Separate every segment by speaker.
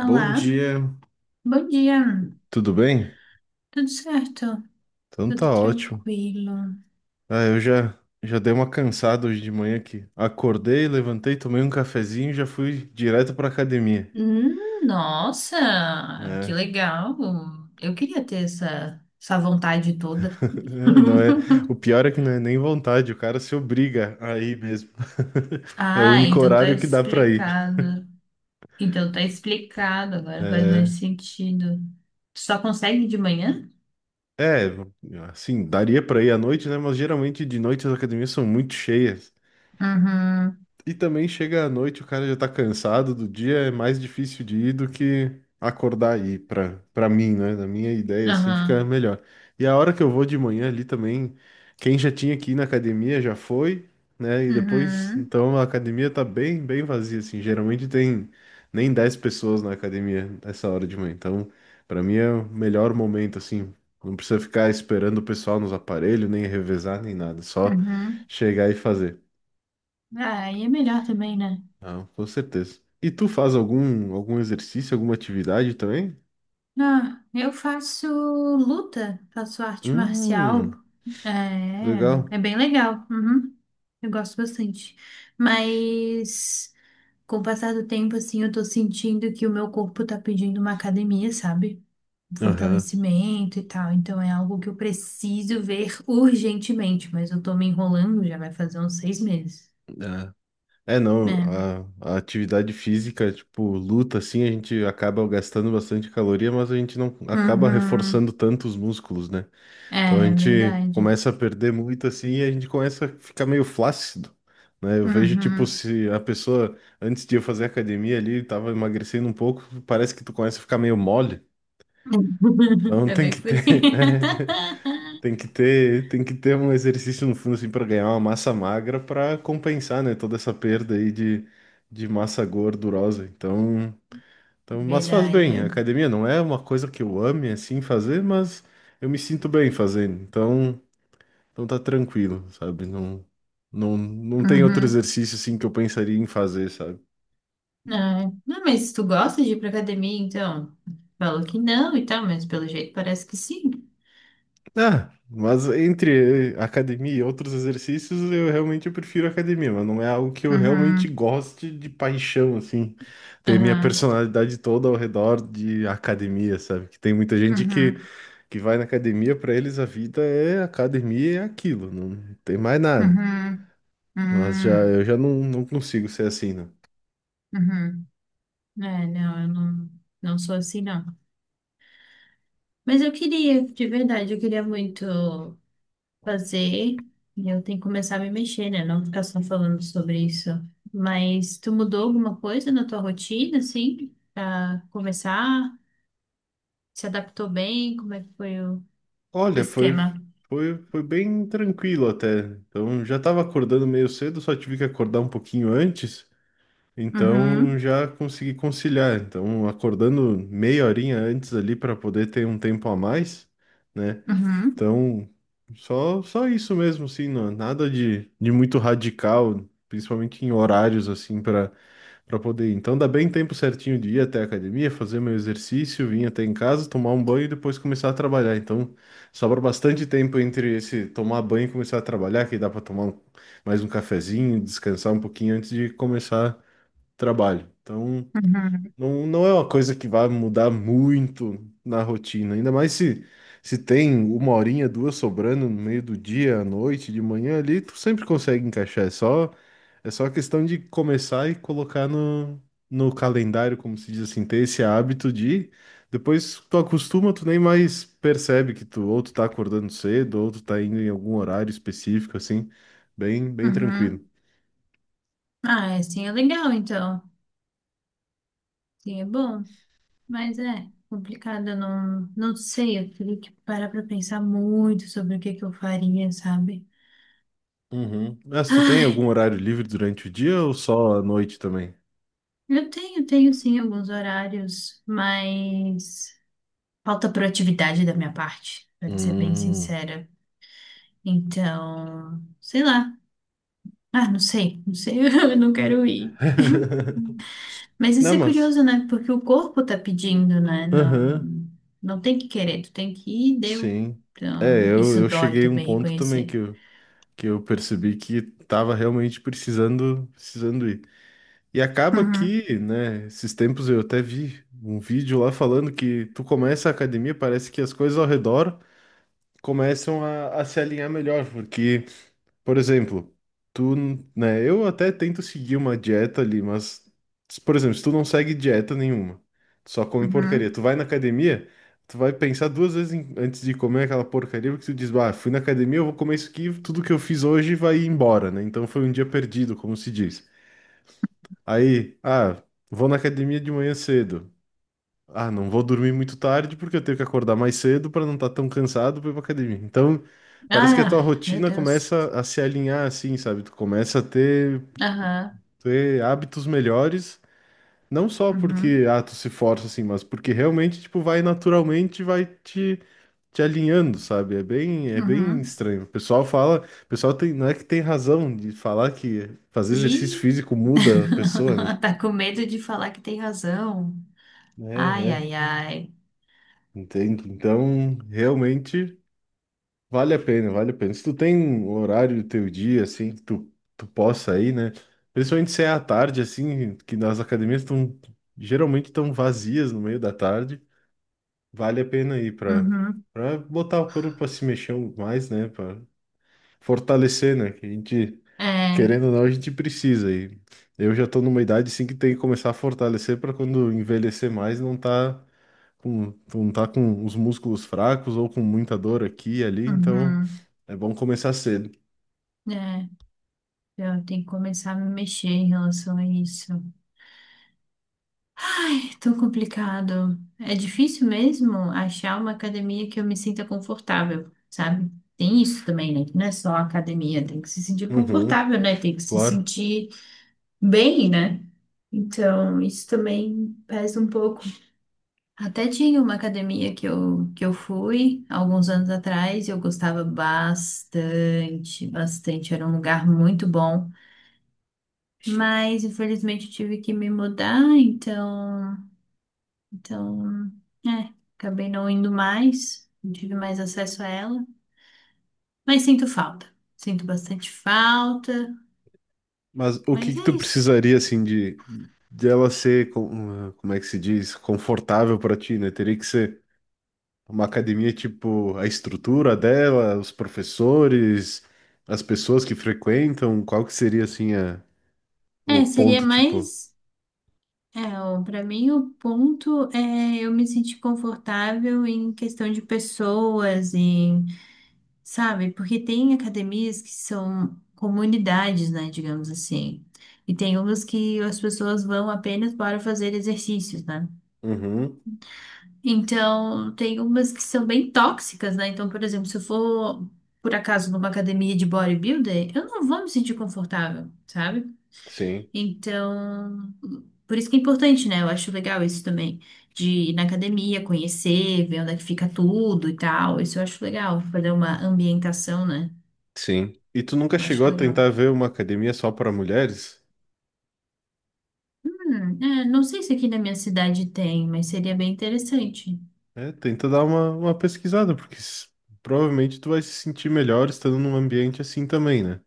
Speaker 1: Bom dia,
Speaker 2: bom dia.
Speaker 1: tudo bem?
Speaker 2: Tudo certo?
Speaker 1: Então
Speaker 2: Tudo
Speaker 1: tá ótimo.
Speaker 2: tranquilo.
Speaker 1: Ah, eu já já dei uma cansada hoje de manhã aqui. Acordei, levantei, tomei um cafezinho e já fui direto pra academia.
Speaker 2: Hum. Nossa, que
Speaker 1: É.
Speaker 2: legal! Eu queria ter essa vontade toda.
Speaker 1: É, não é, o pior é que não é nem vontade, o cara se obriga a ir mesmo. É o
Speaker 2: Ah,
Speaker 1: único
Speaker 2: então tá
Speaker 1: horário que dá pra ir.
Speaker 2: explicado. Então tá explicado, agora faz mais
Speaker 1: É,
Speaker 2: sentido. Tu só consegue de manhã?
Speaker 1: é, assim, daria pra ir à noite, né? Mas geralmente de noite as academias são muito cheias.
Speaker 2: Uhum.
Speaker 1: E também chega à noite, o cara já tá cansado do dia, é mais difícil de ir do que acordar aí, pra mim, né? Na minha ideia, assim, fica
Speaker 2: Aham.
Speaker 1: melhor. E a hora que eu vou de manhã ali também, quem já tinha que ir na academia já foi, né? E depois,
Speaker 2: Uhum,
Speaker 1: então a academia tá bem, bem vazia, assim. Geralmente tem nem 10 pessoas na academia nessa hora de manhã. Então, pra mim é o melhor momento, assim. Não precisa ficar esperando o pessoal nos aparelhos, nem revezar, nem nada. É só
Speaker 2: uhum.
Speaker 1: chegar e fazer.
Speaker 2: Ah, e é melhor também, né?
Speaker 1: Ah, com certeza. E tu faz algum exercício, alguma atividade também?
Speaker 2: Ah, eu faço luta, faço arte marcial.
Speaker 1: Hum, que
Speaker 2: É,
Speaker 1: legal.
Speaker 2: é bem legal. Uhum, eu gosto bastante. Mas com o passar do tempo, assim, eu tô sentindo que o meu corpo tá pedindo uma academia, sabe? Um
Speaker 1: Aham.
Speaker 2: fortalecimento e tal. Então é algo que eu preciso ver urgentemente, mas eu tô me enrolando, já vai fazer uns 6 meses.
Speaker 1: Ah. É, não,
Speaker 2: Né?
Speaker 1: a atividade física, tipo, luta, assim, a gente acaba gastando bastante caloria, mas a gente não acaba reforçando
Speaker 2: Uhum.
Speaker 1: tanto os músculos, né? Então a
Speaker 2: É
Speaker 1: gente
Speaker 2: verdade.
Speaker 1: começa a perder muito, assim, e a gente começa a ficar meio flácido, né? Eu vejo, tipo,
Speaker 2: Uhum.
Speaker 1: se a pessoa, antes de eu fazer academia ali, tava emagrecendo um pouco, parece que tu começa a ficar meio mole. Então
Speaker 2: É
Speaker 1: tem
Speaker 2: bem
Speaker 1: que
Speaker 2: por aí.
Speaker 1: ter, tem que ter um exercício no fundo assim para ganhar uma massa magra para compensar, né, toda essa perda aí de massa gordurosa. Então, mas faz bem. A
Speaker 2: Verdade.
Speaker 1: academia não é uma coisa que eu ame assim fazer, mas eu me sinto bem fazendo. Então tá tranquilo, sabe? Não, não, não tem outro
Speaker 2: Uhum.
Speaker 1: exercício assim que eu pensaria em fazer, sabe?
Speaker 2: Não, não, mas tu gosta de ir pra academia, então? Falou que não e tal, mas pelo jeito parece que sim.
Speaker 1: Ah, mas entre academia e outros exercícios, eu realmente prefiro academia, mas não é algo que eu realmente
Speaker 2: Uhum,
Speaker 1: goste de paixão, assim, ter minha
Speaker 2: uhum,
Speaker 1: personalidade toda ao redor de academia, sabe? Que tem muita gente que,
Speaker 2: uhum,
Speaker 1: que vai na academia, pra eles a vida é academia e é aquilo, não tem mais nada.
Speaker 2: uhum,
Speaker 1: Mas já eu
Speaker 2: uhum,
Speaker 1: já não, não consigo ser assim, né?
Speaker 2: uhum. É, não, eu não sou assim, não. Mas eu queria, de verdade, eu queria muito fazer. E eu tenho que começar a me mexer, né? Não ficar só falando sobre isso. Mas tu mudou alguma coisa na tua rotina, assim, pra começar? Se adaptou bem? Como é que foi o
Speaker 1: Olha, foi,
Speaker 2: esquema?
Speaker 1: foi, foi bem tranquilo até. Então já tava acordando meio cedo, só tive que acordar um pouquinho antes. Então
Speaker 2: Uhum,
Speaker 1: já consegui conciliar. Então, acordando meia horinha antes ali para poder ter um tempo a mais, né?
Speaker 2: uhum,
Speaker 1: Então, só isso mesmo, assim, não, nada de muito radical, principalmente em horários, assim, para poder ir. Então, dá bem tempo certinho de ir até a academia, fazer meu exercício, vir até em casa, tomar um banho e depois começar a trabalhar. Então, sobra bastante tempo entre esse tomar banho e começar a trabalhar, que dá para tomar mais um cafezinho, descansar um pouquinho antes de começar trabalho. Então,
Speaker 2: uhum,
Speaker 1: não, não é uma coisa que vai mudar muito na rotina, ainda mais se tem uma horinha, duas sobrando no meio do dia, à noite, de manhã ali, tu sempre consegue encaixar. É só questão de começar e colocar no calendário, como se diz assim, ter esse hábito de. Depois tu acostuma, tu nem mais percebe que tu ou tu tá acordando cedo, ou tu tá indo em algum horário específico, assim, bem, bem tranquilo.
Speaker 2: uhum. Ah, é, sim, é legal então. Sim, é bom, mas é complicado, eu não sei, eu teria que parar pra pensar muito sobre o que que eu faria, sabe?
Speaker 1: Uhum. Mas tu tem
Speaker 2: Ai,
Speaker 1: algum horário livre durante o dia ou só à noite também?
Speaker 2: eu tenho, tenho sim alguns horários, mas falta proatividade da minha parte, pra te ser bem
Speaker 1: Hum.
Speaker 2: sincera. Então, sei lá. Ah, não sei, não sei, eu não quero ir. Mas isso
Speaker 1: Não,
Speaker 2: é
Speaker 1: mas.
Speaker 2: curioso, né? Porque o corpo tá pedindo, né? Não,
Speaker 1: Aham,
Speaker 2: não tem que querer, tu tem que ir, deu.
Speaker 1: sim. É,
Speaker 2: Então,
Speaker 1: eu,
Speaker 2: isso
Speaker 1: eu
Speaker 2: dói
Speaker 1: cheguei a um
Speaker 2: também
Speaker 1: ponto também
Speaker 2: reconhecer.
Speaker 1: que eu percebi que tava realmente precisando, precisando ir. E acaba
Speaker 2: Uhum,
Speaker 1: que, né, esses tempos eu até vi um vídeo lá falando que tu começa a academia, parece que as coisas ao redor começam a se alinhar melhor, porque por exemplo, tu, né, eu até tento seguir uma dieta ali, mas, por exemplo, se tu não segue dieta nenhuma, tu só come porcaria,
Speaker 2: uhum.
Speaker 1: tu vai na academia, tu vai pensar duas vezes antes de comer aquela porcaria, porque tu diz, ah, fui na academia, eu vou comer isso aqui, tudo que eu fiz hoje vai embora, né? Então foi um dia perdido, como se diz. Aí, ah, vou na academia de manhã cedo. Ah, não vou dormir muito tarde porque eu tenho que acordar mais cedo para não estar tão cansado para ir pra academia. Então, parece que a tua
Speaker 2: Ah, meu
Speaker 1: rotina
Speaker 2: Deus.
Speaker 1: começa a se alinhar assim, sabe? Tu começa a ter,
Speaker 2: Aham,
Speaker 1: ter hábitos melhores, não só
Speaker 2: uhum,
Speaker 1: porque ah, tu se força assim, mas porque realmente tipo vai naturalmente, vai te alinhando, sabe? É bem
Speaker 2: uhum.
Speaker 1: estranho. O pessoal fala, o pessoal tem, não é que tem razão de falar que fazer exercício
Speaker 2: E
Speaker 1: físico muda a pessoa, né?
Speaker 2: tá com medo de falar que tem razão.
Speaker 1: É,
Speaker 2: Ai,
Speaker 1: é.
Speaker 2: ai, ai.
Speaker 1: Entendo. Então, realmente vale a pena, vale a pena. Se tu tem um horário do teu dia, assim, que tu possa ir, né? Principalmente se é à tarde, assim, que nas academias estão geralmente estão vazias no meio da tarde, vale a pena ir para
Speaker 2: Uhum,
Speaker 1: para botar o corpo para se mexer mais, né? Para fortalecer, né? Que a gente,
Speaker 2: é,
Speaker 1: querendo ou não, a gente precisa. E eu já tô numa idade, assim, que tem que começar a fortalecer para quando envelhecer mais não tá com, tu não tá com os músculos fracos ou com muita dor aqui e ali, então
Speaker 2: uhum,
Speaker 1: é bom começar cedo.
Speaker 2: é. Eu tenho que começar a me mexer em relação a isso. Tô complicado. É difícil mesmo achar uma academia que eu me sinta confortável, sabe? Tem isso também, né? Que não é só academia, tem que se sentir
Speaker 1: Uhum,
Speaker 2: confortável, né? Tem que se
Speaker 1: claro.
Speaker 2: sentir bem, né? Então, isso também pesa um pouco. Até tinha uma academia que eu fui alguns anos atrás e eu gostava bastante, bastante. Era um lugar muito bom. Mas, infelizmente, eu tive que me mudar, então. Então, é, acabei não indo mais, não tive mais acesso a ela, mas sinto falta. Sinto bastante falta,
Speaker 1: Mas o que
Speaker 2: mas
Speaker 1: que
Speaker 2: é
Speaker 1: tu
Speaker 2: isso.
Speaker 1: precisaria, assim, de, ela ser, como é que se diz, confortável para ti, né? Teria que ser uma academia, tipo, a estrutura dela, os professores, as pessoas que frequentam, qual que seria, assim, o
Speaker 2: É, seria
Speaker 1: ponto, tipo...
Speaker 2: mais, é, o- pra mim o ponto é eu me sentir confortável em questão de pessoas, em, sabe? Porque tem academias que são comunidades, né, digamos assim. E tem umas que as pessoas vão apenas para fazer exercícios, né?
Speaker 1: Uhum,
Speaker 2: Então, tem umas que são bem tóxicas, né? Então, por exemplo, se eu for, por acaso, numa academia de bodybuilder, eu não vou me sentir confortável, sabe?
Speaker 1: sim,
Speaker 2: Então, por isso que é importante, né? Eu acho legal isso também, de ir na academia, conhecer, ver onde é que fica tudo e tal. Isso eu acho legal, fazer uma ambientação, né?
Speaker 1: sim. E tu nunca
Speaker 2: Eu
Speaker 1: chegou
Speaker 2: acho
Speaker 1: a
Speaker 2: legal.
Speaker 1: tentar ver uma academia só para mulheres?
Speaker 2: É, não sei se aqui na minha cidade tem, mas seria bem interessante.
Speaker 1: É, tenta dar uma pesquisada, porque provavelmente tu vai se sentir melhor estando num ambiente assim também, né?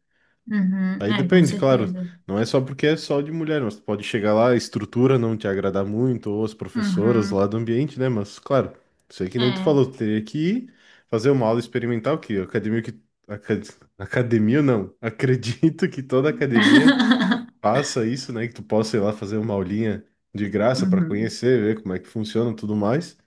Speaker 2: Uhum,
Speaker 1: Aí
Speaker 2: é, com
Speaker 1: depende, claro,
Speaker 2: certeza.
Speaker 1: não é só porque é só de mulher, mas tu pode chegar lá, a estrutura não te agradar muito, ou as professoras lá
Speaker 2: Uhum,
Speaker 1: do ambiente, né? Mas, claro, sei que nem tu falou,
Speaker 2: é.
Speaker 1: tu teria que ir fazer uma aula experimental, que academia que. aca- Academia não, acredito que toda academia faça isso, né? Que tu possa ir lá fazer uma aulinha de graça para
Speaker 2: Uhum,
Speaker 1: conhecer, ver como é que funciona e tudo mais,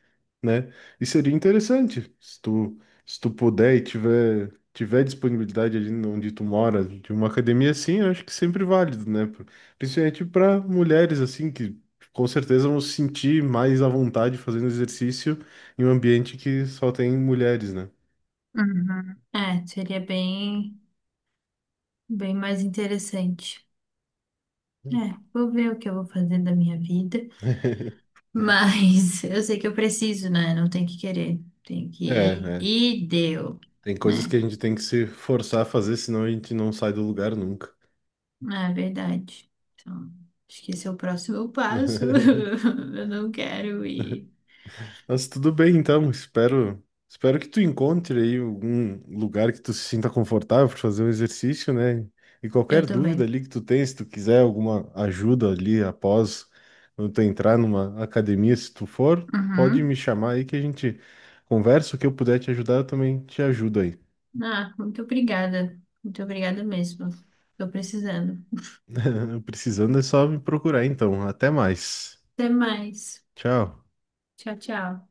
Speaker 1: né? E seria interessante se tu, puder e tiver disponibilidade ali onde tu mora, de uma academia assim, eu acho que sempre válido, né? Principalmente para mulheres assim que com certeza vão se sentir mais à vontade fazendo exercício em um ambiente que só tem mulheres, né?
Speaker 2: uhum. É, seria bem, bem mais interessante. É, vou ver o que eu vou fazer da minha vida, mas eu sei que eu preciso, né? Não tem que querer, tem que
Speaker 1: É,
Speaker 2: ir
Speaker 1: é.
Speaker 2: e deu,
Speaker 1: Tem coisas que
Speaker 2: né?
Speaker 1: a gente tem que se forçar a fazer, senão a gente não sai do lugar nunca.
Speaker 2: É verdade. Então, acho que esse é o próximo passo. Eu não quero ir.
Speaker 1: Mas tudo bem, então. Espero que tu encontre aí algum lugar que tu se sinta confortável para fazer um exercício, né? E
Speaker 2: Eu
Speaker 1: qualquer dúvida
Speaker 2: também.
Speaker 1: ali que tu tenha, se tu quiser alguma ajuda ali após quando tu entrar numa academia, se tu for, pode me
Speaker 2: Uhum.
Speaker 1: chamar aí que a gente conversa. O que eu puder te ajudar, eu também te ajudo aí.
Speaker 2: Ah, muito obrigada. Muito obrigada mesmo. Tô precisando.
Speaker 1: Precisando é só me procurar, então. Até mais.
Speaker 2: Até mais.
Speaker 1: Tchau.
Speaker 2: Tchau, tchau.